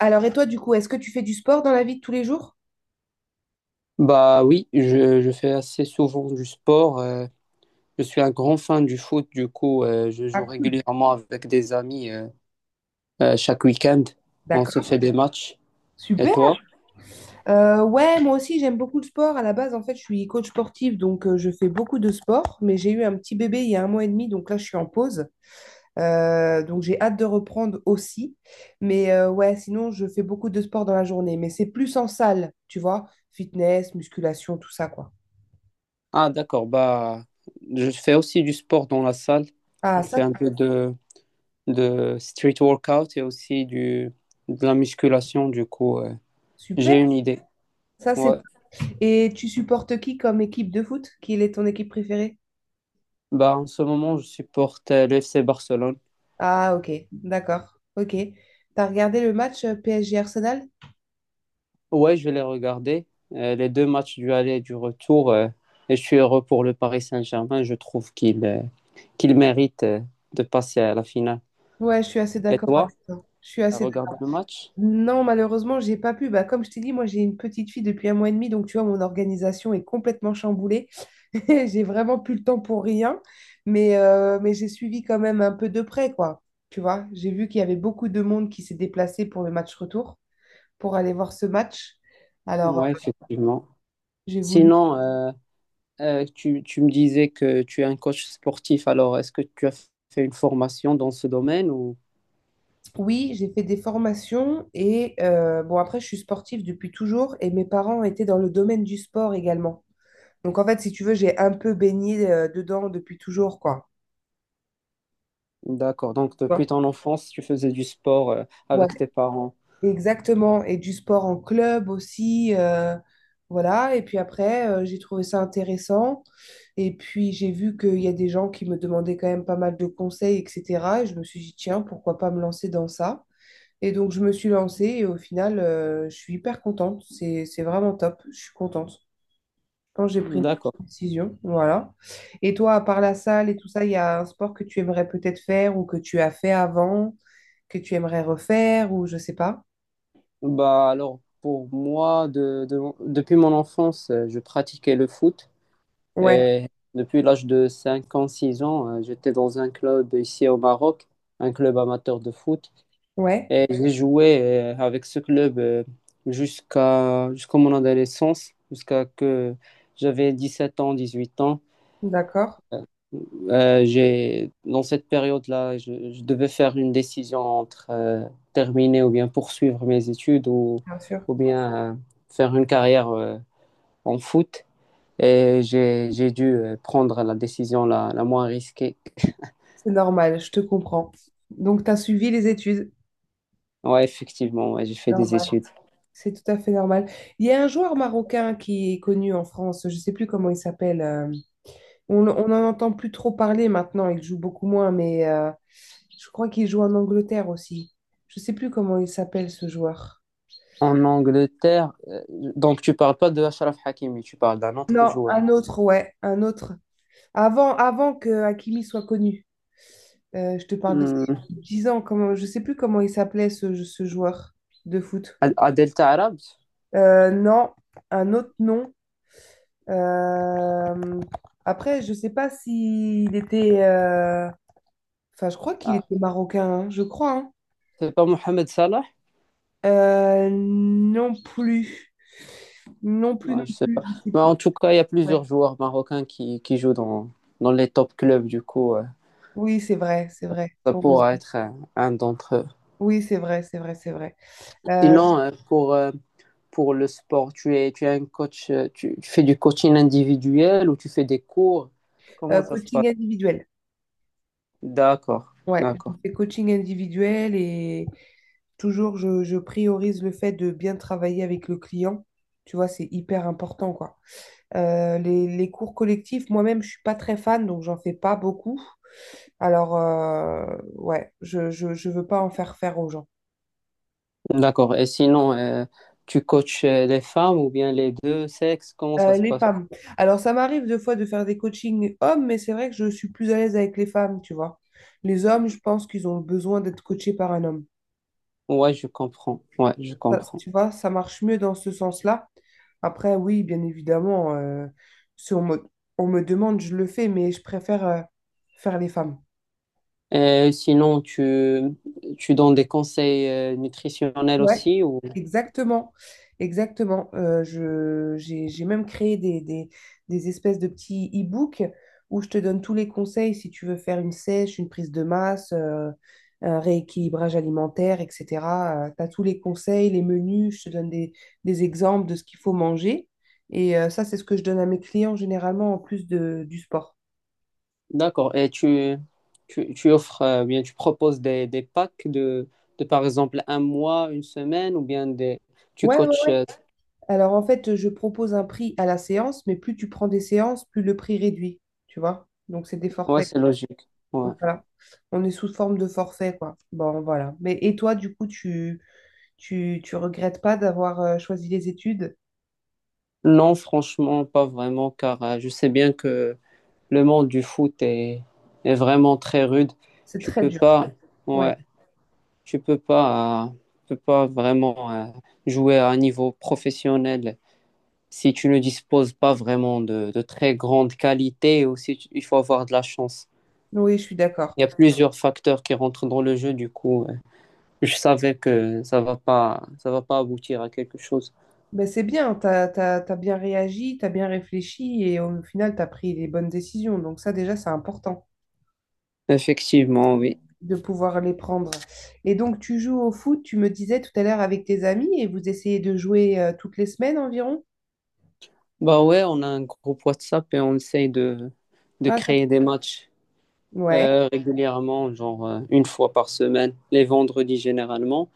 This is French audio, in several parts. Alors, et toi, du coup, est-ce que tu fais du sport dans la vie de tous les jours? Bah oui, je fais assez souvent du sport. Je suis un grand fan du foot, du coup, je joue Ah, cool. régulièrement avec des amis chaque week-end. On se fait D'accord. des matchs. Et Super. toi? Ouais, moi aussi, j'aime beaucoup le sport. À la base, en fait, je suis coach sportive donc je fais beaucoup de sport. Mais j'ai eu un petit bébé il y a un mois et demi, donc là, je suis en pause. Donc, j'ai hâte de reprendre aussi. Mais ouais, sinon, je fais beaucoup de sport dans la journée. Mais c'est plus en salle, tu vois, fitness, musculation, tout ça, quoi. Ah d'accord, bah je fais aussi du sport dans la salle. Ah, Je ça, fais un c'est peu de street workout et aussi du, de la musculation, du coup, super. j'ai une idée. Ça, c'est. Ouais. Et tu supportes qui comme équipe de foot? Quelle est ton équipe préférée? Bah en ce moment, je supporte le FC Barcelone. Ah, ok, d'accord. Ok. T'as regardé le match PSG Arsenal? Ouais, je vais les regarder. Les deux matchs du aller et du retour. Et je suis heureux pour le Paris Saint-Germain. Je trouve qu'il mérite de passer à la finale. Ouais, je suis assez Et d'accord avec toi, toi. Je suis t'as assez d'accord. regardé le match? Non, malheureusement, j'ai pas pu. Bah, comme je t'ai dit, moi, j'ai une petite fille depuis un mois et demi, donc tu vois, mon organisation est complètement chamboulée. J'ai vraiment plus le temps pour rien, mais j'ai suivi quand même un peu de près, quoi. Tu vois, j'ai vu qu'il y avait beaucoup de monde qui s'est déplacé pour le match retour, pour aller voir ce match. Alors, Ouais, effectivement. j'ai voulu Sinon, tu me disais que tu es un coach sportif. Alors, est-ce que tu as fait une formation dans ce domaine ou... Oui, j'ai fait des formations et bon, après, je suis sportive depuis toujours et mes parents étaient dans le domaine du sport également. Donc, en fait, si tu veux, j'ai un peu baigné dedans depuis toujours, quoi. D'accord. Donc, Tu depuis ton enfance, tu faisais du sport Ouais, avec tes parents. exactement. Et du sport en club aussi. Voilà. Et puis après, j'ai trouvé ça intéressant. Et puis, j'ai vu qu'il y a des gens qui me demandaient quand même pas mal de conseils, etc. Et je me suis dit, tiens, pourquoi pas me lancer dans ça? Et donc, je me suis lancée et au final, je suis hyper contente. C'est vraiment top. Je suis contente quand j'ai pris D'accord. une décision. Voilà. Et toi, à part la salle et tout ça, il y a un sport que tu aimerais peut-être faire ou que tu as fait avant, que tu aimerais refaire ou je sais pas. Bah alors pour moi, depuis mon enfance, je pratiquais le foot Ouais, et depuis l'âge de 5 ans, 6 ans, j'étais dans un club ici au Maroc, un club amateur de foot ouais, et j'ai joué avec ce club jusqu'à mon adolescence, jusqu'à que j'avais 17 ans, 18 ans. d'accord, Dans cette période-là, je devais faire une décision entre terminer ou bien poursuivre mes études bien sûr. ou bien faire une carrière en foot. Et j'ai dû prendre la décision la moins risquée. C'est normal, je te comprends. Donc, tu as suivi les études. Ouais, effectivement, ouais, j'ai fait des Normal. études. C'est tout à fait normal. Il y a un joueur marocain qui est connu en France, je sais plus comment il s'appelle. On n'en entend plus trop parler maintenant, il joue beaucoup moins, mais je crois qu'il joue en Angleterre aussi. Je sais plus comment il s'appelle ce joueur. En Angleterre, donc tu parles pas de Achraf Hakimi, tu parles d'un autre Non, joueur. un autre, ouais, un autre. Avant que Hakimi soit connu. Je te parle de Hmm. 10 ans, comment, je sais plus comment il s'appelait ce joueur de foot. Adel Taarabt? Non, un autre nom. Euh, Après, je sais pas s'il était. Enfin, je crois qu'il était marocain, hein, je crois, hein. C'est pas Mohamed Salah? Non plus. Non plus, Ouais, non je sais pas. plus, je sais Mais plus. en tout cas, il y a Ouais. plusieurs joueurs marocains qui jouent dans les top clubs. Du coup, Oui, c'est vrai, c'est vrai. ça pourra Heureusement. être un d'entre eux. Oui, c'est vrai, c'est vrai, c'est vrai. Euh, Sinon, pour le sport, tu es un coach, tu fais du coaching individuel ou tu fais des cours? Comment ça se passe? Coaching individuel. D'accord, Ouais, je d'accord, fais coaching individuel et toujours je priorise le fait de bien travailler avec le client. Tu vois, c'est hyper important, quoi. Les cours collectifs, moi-même, je suis pas très fan, donc j'en fais pas beaucoup. Alors, ouais, je veux pas en faire faire aux gens. d'accord. Et sinon, tu coaches les femmes ou bien les deux sexes? Comment ça se Les passe? femmes. Alors, ça m'arrive deux fois de faire des coachings hommes, mais c'est vrai que je suis plus à l'aise avec les femmes, tu vois. Les hommes, je pense qu'ils ont besoin d'être coachés par un homme. Ouais, je comprends. Ouais, je Ça, comprends. tu vois, ça marche mieux dans ce sens-là. Après, oui, bien évidemment, si on me demande, je le fais, mais je préfère faire les femmes. Sinon, tu donnes des conseils nutritionnels Ouais. aussi ou... Exactement, exactement. J'ai même créé des espèces de petits e-books où je te donne tous les conseils si tu veux faire une sèche, une prise de masse, un rééquilibrage alimentaire, etc. Tu as tous les conseils, les menus, je te donne des exemples de ce qu'il faut manger. Et ça, c'est ce que je donne à mes clients généralement en plus du sport. D'accord. Et tu proposes des packs de, par exemple, un mois, une semaine ou bien des... tu Ouais, coaches. ouais. Alors en fait, je propose un prix à la séance, mais plus tu prends des séances, plus le prix réduit, tu vois. Donc c'est des Ouais, forfaits. c'est logique. Donc, Ouais. voilà. On est sous forme de forfait, quoi. Bon, voilà. Mais et toi, du coup, tu regrettes pas d'avoir choisi les études? Non, franchement, pas vraiment, car je sais bien que le monde du foot est vraiment très rude. C'est Tu très peux dur. pas, Ouais. ouais, tu peux pas, euh, tu peux pas vraiment jouer à un niveau professionnel. Si tu ne disposes pas vraiment de très grandes qualités, aussi il faut avoir de la chance. Oui, je suis d'accord. Il y a plusieurs facteurs qui rentrent dans le jeu, du coup, je savais que ça va pas aboutir à quelque chose. Ben, c'est bien, t'as bien réagi, t'as bien réfléchi et au final, t'as pris les bonnes décisions. Donc ça, déjà, c'est important Effectivement, oui. de pouvoir les prendre. Et donc, tu joues au foot, tu me disais tout à l'heure avec tes amis et vous essayez de jouer toutes les semaines environ? Bah ouais, on a un groupe WhatsApp et on essaye de Ah, t'as- créer des matchs ouais, régulièrement, genre une fois par semaine, les vendredis généralement.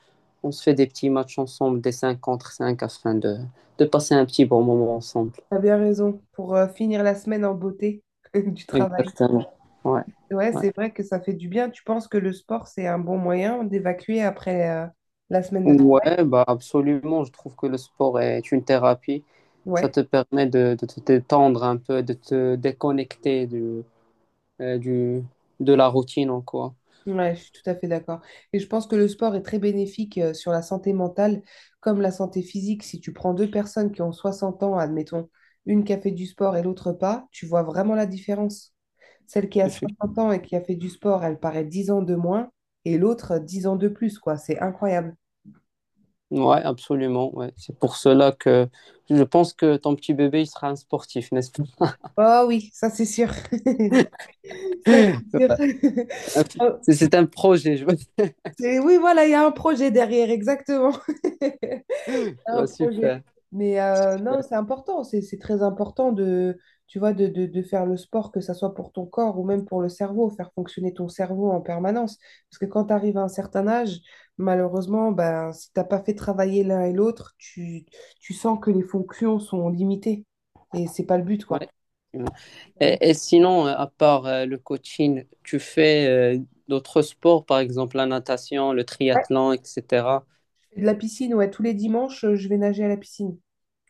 On se fait des petits matchs ensemble, des 5 contre 5, afin de passer un petit bon moment ensemble. t'as bien raison pour finir la semaine en beauté du travail. Exactement. Ouais. Ouais, Ouais. c'est vrai que ça fait du bien. Tu penses que le sport, c'est un bon moyen d'évacuer après la semaine de travail? Ouais, bah absolument. Je trouve que le sport est une thérapie. Ça Ouais, te permet de te détendre un peu, de te déconnecter euh, du, de la routine, en quoi. ouais, je suis tout à fait d'accord. Et je pense que le sport est très bénéfique sur la santé mentale comme la santé physique. Si tu prends deux personnes qui ont 60 ans, admettons, une qui a fait du sport et l'autre pas, tu vois vraiment la différence. Celle qui a Effe- 60 ans et qui a fait du sport, elle paraît 10 ans de moins et l'autre 10 ans de plus, quoi. C'est incroyable. Ouais, absolument. Ouais. C'est pour cela que je pense que ton petit bébé, il sera un sportif, n'est-ce pas? Oh oui, ça c'est sûr. Ça Ouais. c'est sûr. Oh, C'est un projet, je vois. Oui, voilà, il y a un projet derrière, exactement. Il y a un Ouais, super. projet. Mais non, c'est important, c'est très important de, tu vois, de faire le sport, que ça soit pour ton corps ou même pour le cerveau, faire fonctionner ton cerveau en permanence. Parce que quand tu arrives à un certain âge, malheureusement, ben, si t'as pas fait travailler l'un et l'autre, tu sens que les fonctions sont limitées. Et c'est pas le but, Ouais. quoi. Ouais. Et sinon, à part le coaching, tu fais d'autres sports, par exemple la natation, le Ouais, triathlon, etc. je fais de la piscine, ouais, tous les dimanches, je vais nager à la piscine.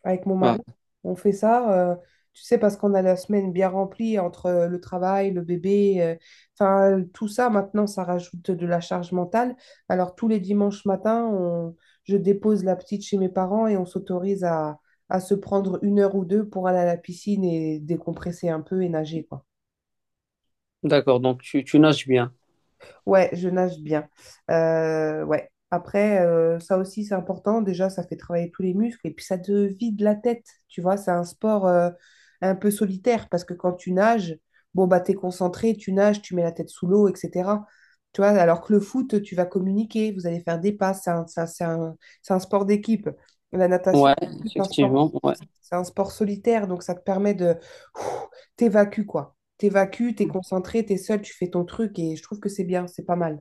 avec mon Ouais. mari. On fait ça, tu sais, parce qu'on a la semaine bien remplie entre le travail, le bébé, enfin, tout ça, maintenant, ça rajoute de la charge mentale. Alors, tous les dimanches matins, je dépose la petite chez mes parents et on s'autorise à se prendre une heure ou deux pour aller à la piscine et décompresser un peu et nager, quoi. D'accord, donc tu nages bien. Ouais, je nage bien. Ouais. Après, ça aussi, c'est important. Déjà, ça fait travailler tous les muscles et puis ça te vide la tête. Tu vois, c'est un sport un peu solitaire parce que quand tu nages, bon, bah, t'es concentré, tu nages, tu mets la tête sous l'eau, etc. Tu vois, alors que le foot, tu vas communiquer, vous allez faire des passes. C'est un sport d'équipe. La natation, Ouais, c'est un sport, effectivement, ouais, c'est un sport solitaire, donc ça te permet de ouf, t'évacuer, quoi. T'évacues, t'es concentré, t'es seul, tu fais ton truc et je trouve que c'est bien, c'est pas mal.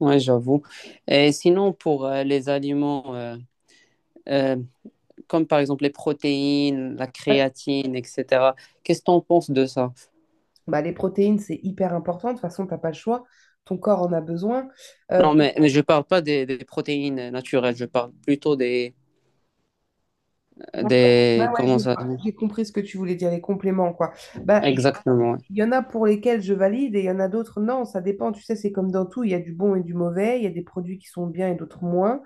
ouais, j'avoue. Et sinon, pour les aliments, euh, comme par exemple les protéines, la Ouais. créatine, etc., qu'est-ce que tu en penses de ça? Bah, les protéines, c'est hyper important. De toute façon, t'as pas le choix. Ton corps en a besoin. Euh, Non, mais je parle pas des protéines naturelles, je parle plutôt des, ouais, des, ouais, comment j'ai ça, j'ai compris ce que tu voulais dire, les compléments, quoi. Bah, il exactement. Ouais. y en a pour lesquels je valide et il y en a d'autres, non, ça dépend. Tu sais, c'est comme dans tout, il y a du bon et du mauvais, il y a des produits qui sont bien et d'autres moins.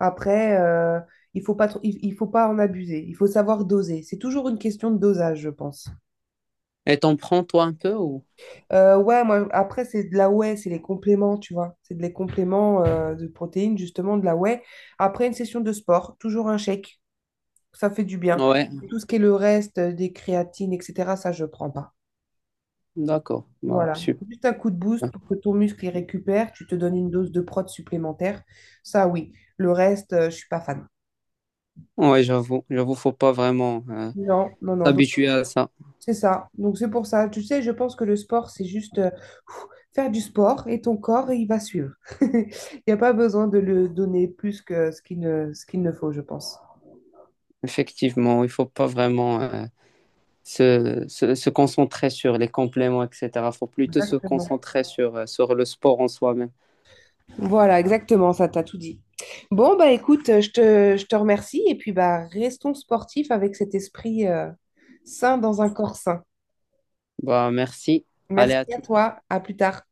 Après, il faut pas en abuser, il faut savoir doser. C'est toujours une question de dosage, je pense. Et t'en prends toi un peu ou? Ouais, moi, après, c'est de la whey, c'est les compléments, tu vois. C'est des compléments de protéines, justement, de la whey. Après une session de sport, toujours un shake, ça fait du bien. Ouais, Tout ce qui est le reste, des créatines, etc., ça, je prends pas. d'accord. Bah, Voilà. super. Juste un coup de boost pour que ton muscle il récupère, tu te donnes une dose de prot supplémentaire. Ça, oui. Le reste, je suis pas fan. Ouais, j'avoue, j'avoue, faut pas vraiment Non, non, non. Donc, s'habituer à ça. c'est ça. Donc, c'est pour ça. Tu sais, je pense que le sport, c'est juste, faire du sport et ton corps, il va suivre. Il n'y a pas besoin de le donner plus que ce qu'il ne faut, je pense. Effectivement, il faut pas vraiment se concentrer sur les compléments, etc. Faut plutôt se Exactement. concentrer sur le sport en soi-même. Voilà, exactement, ça t'a tout dit. Bon, bah écoute, je te remercie et puis bah restons sportifs avec cet esprit sain dans un corps sain. Bah, merci. Allez, à Merci à tout. toi, à plus tard.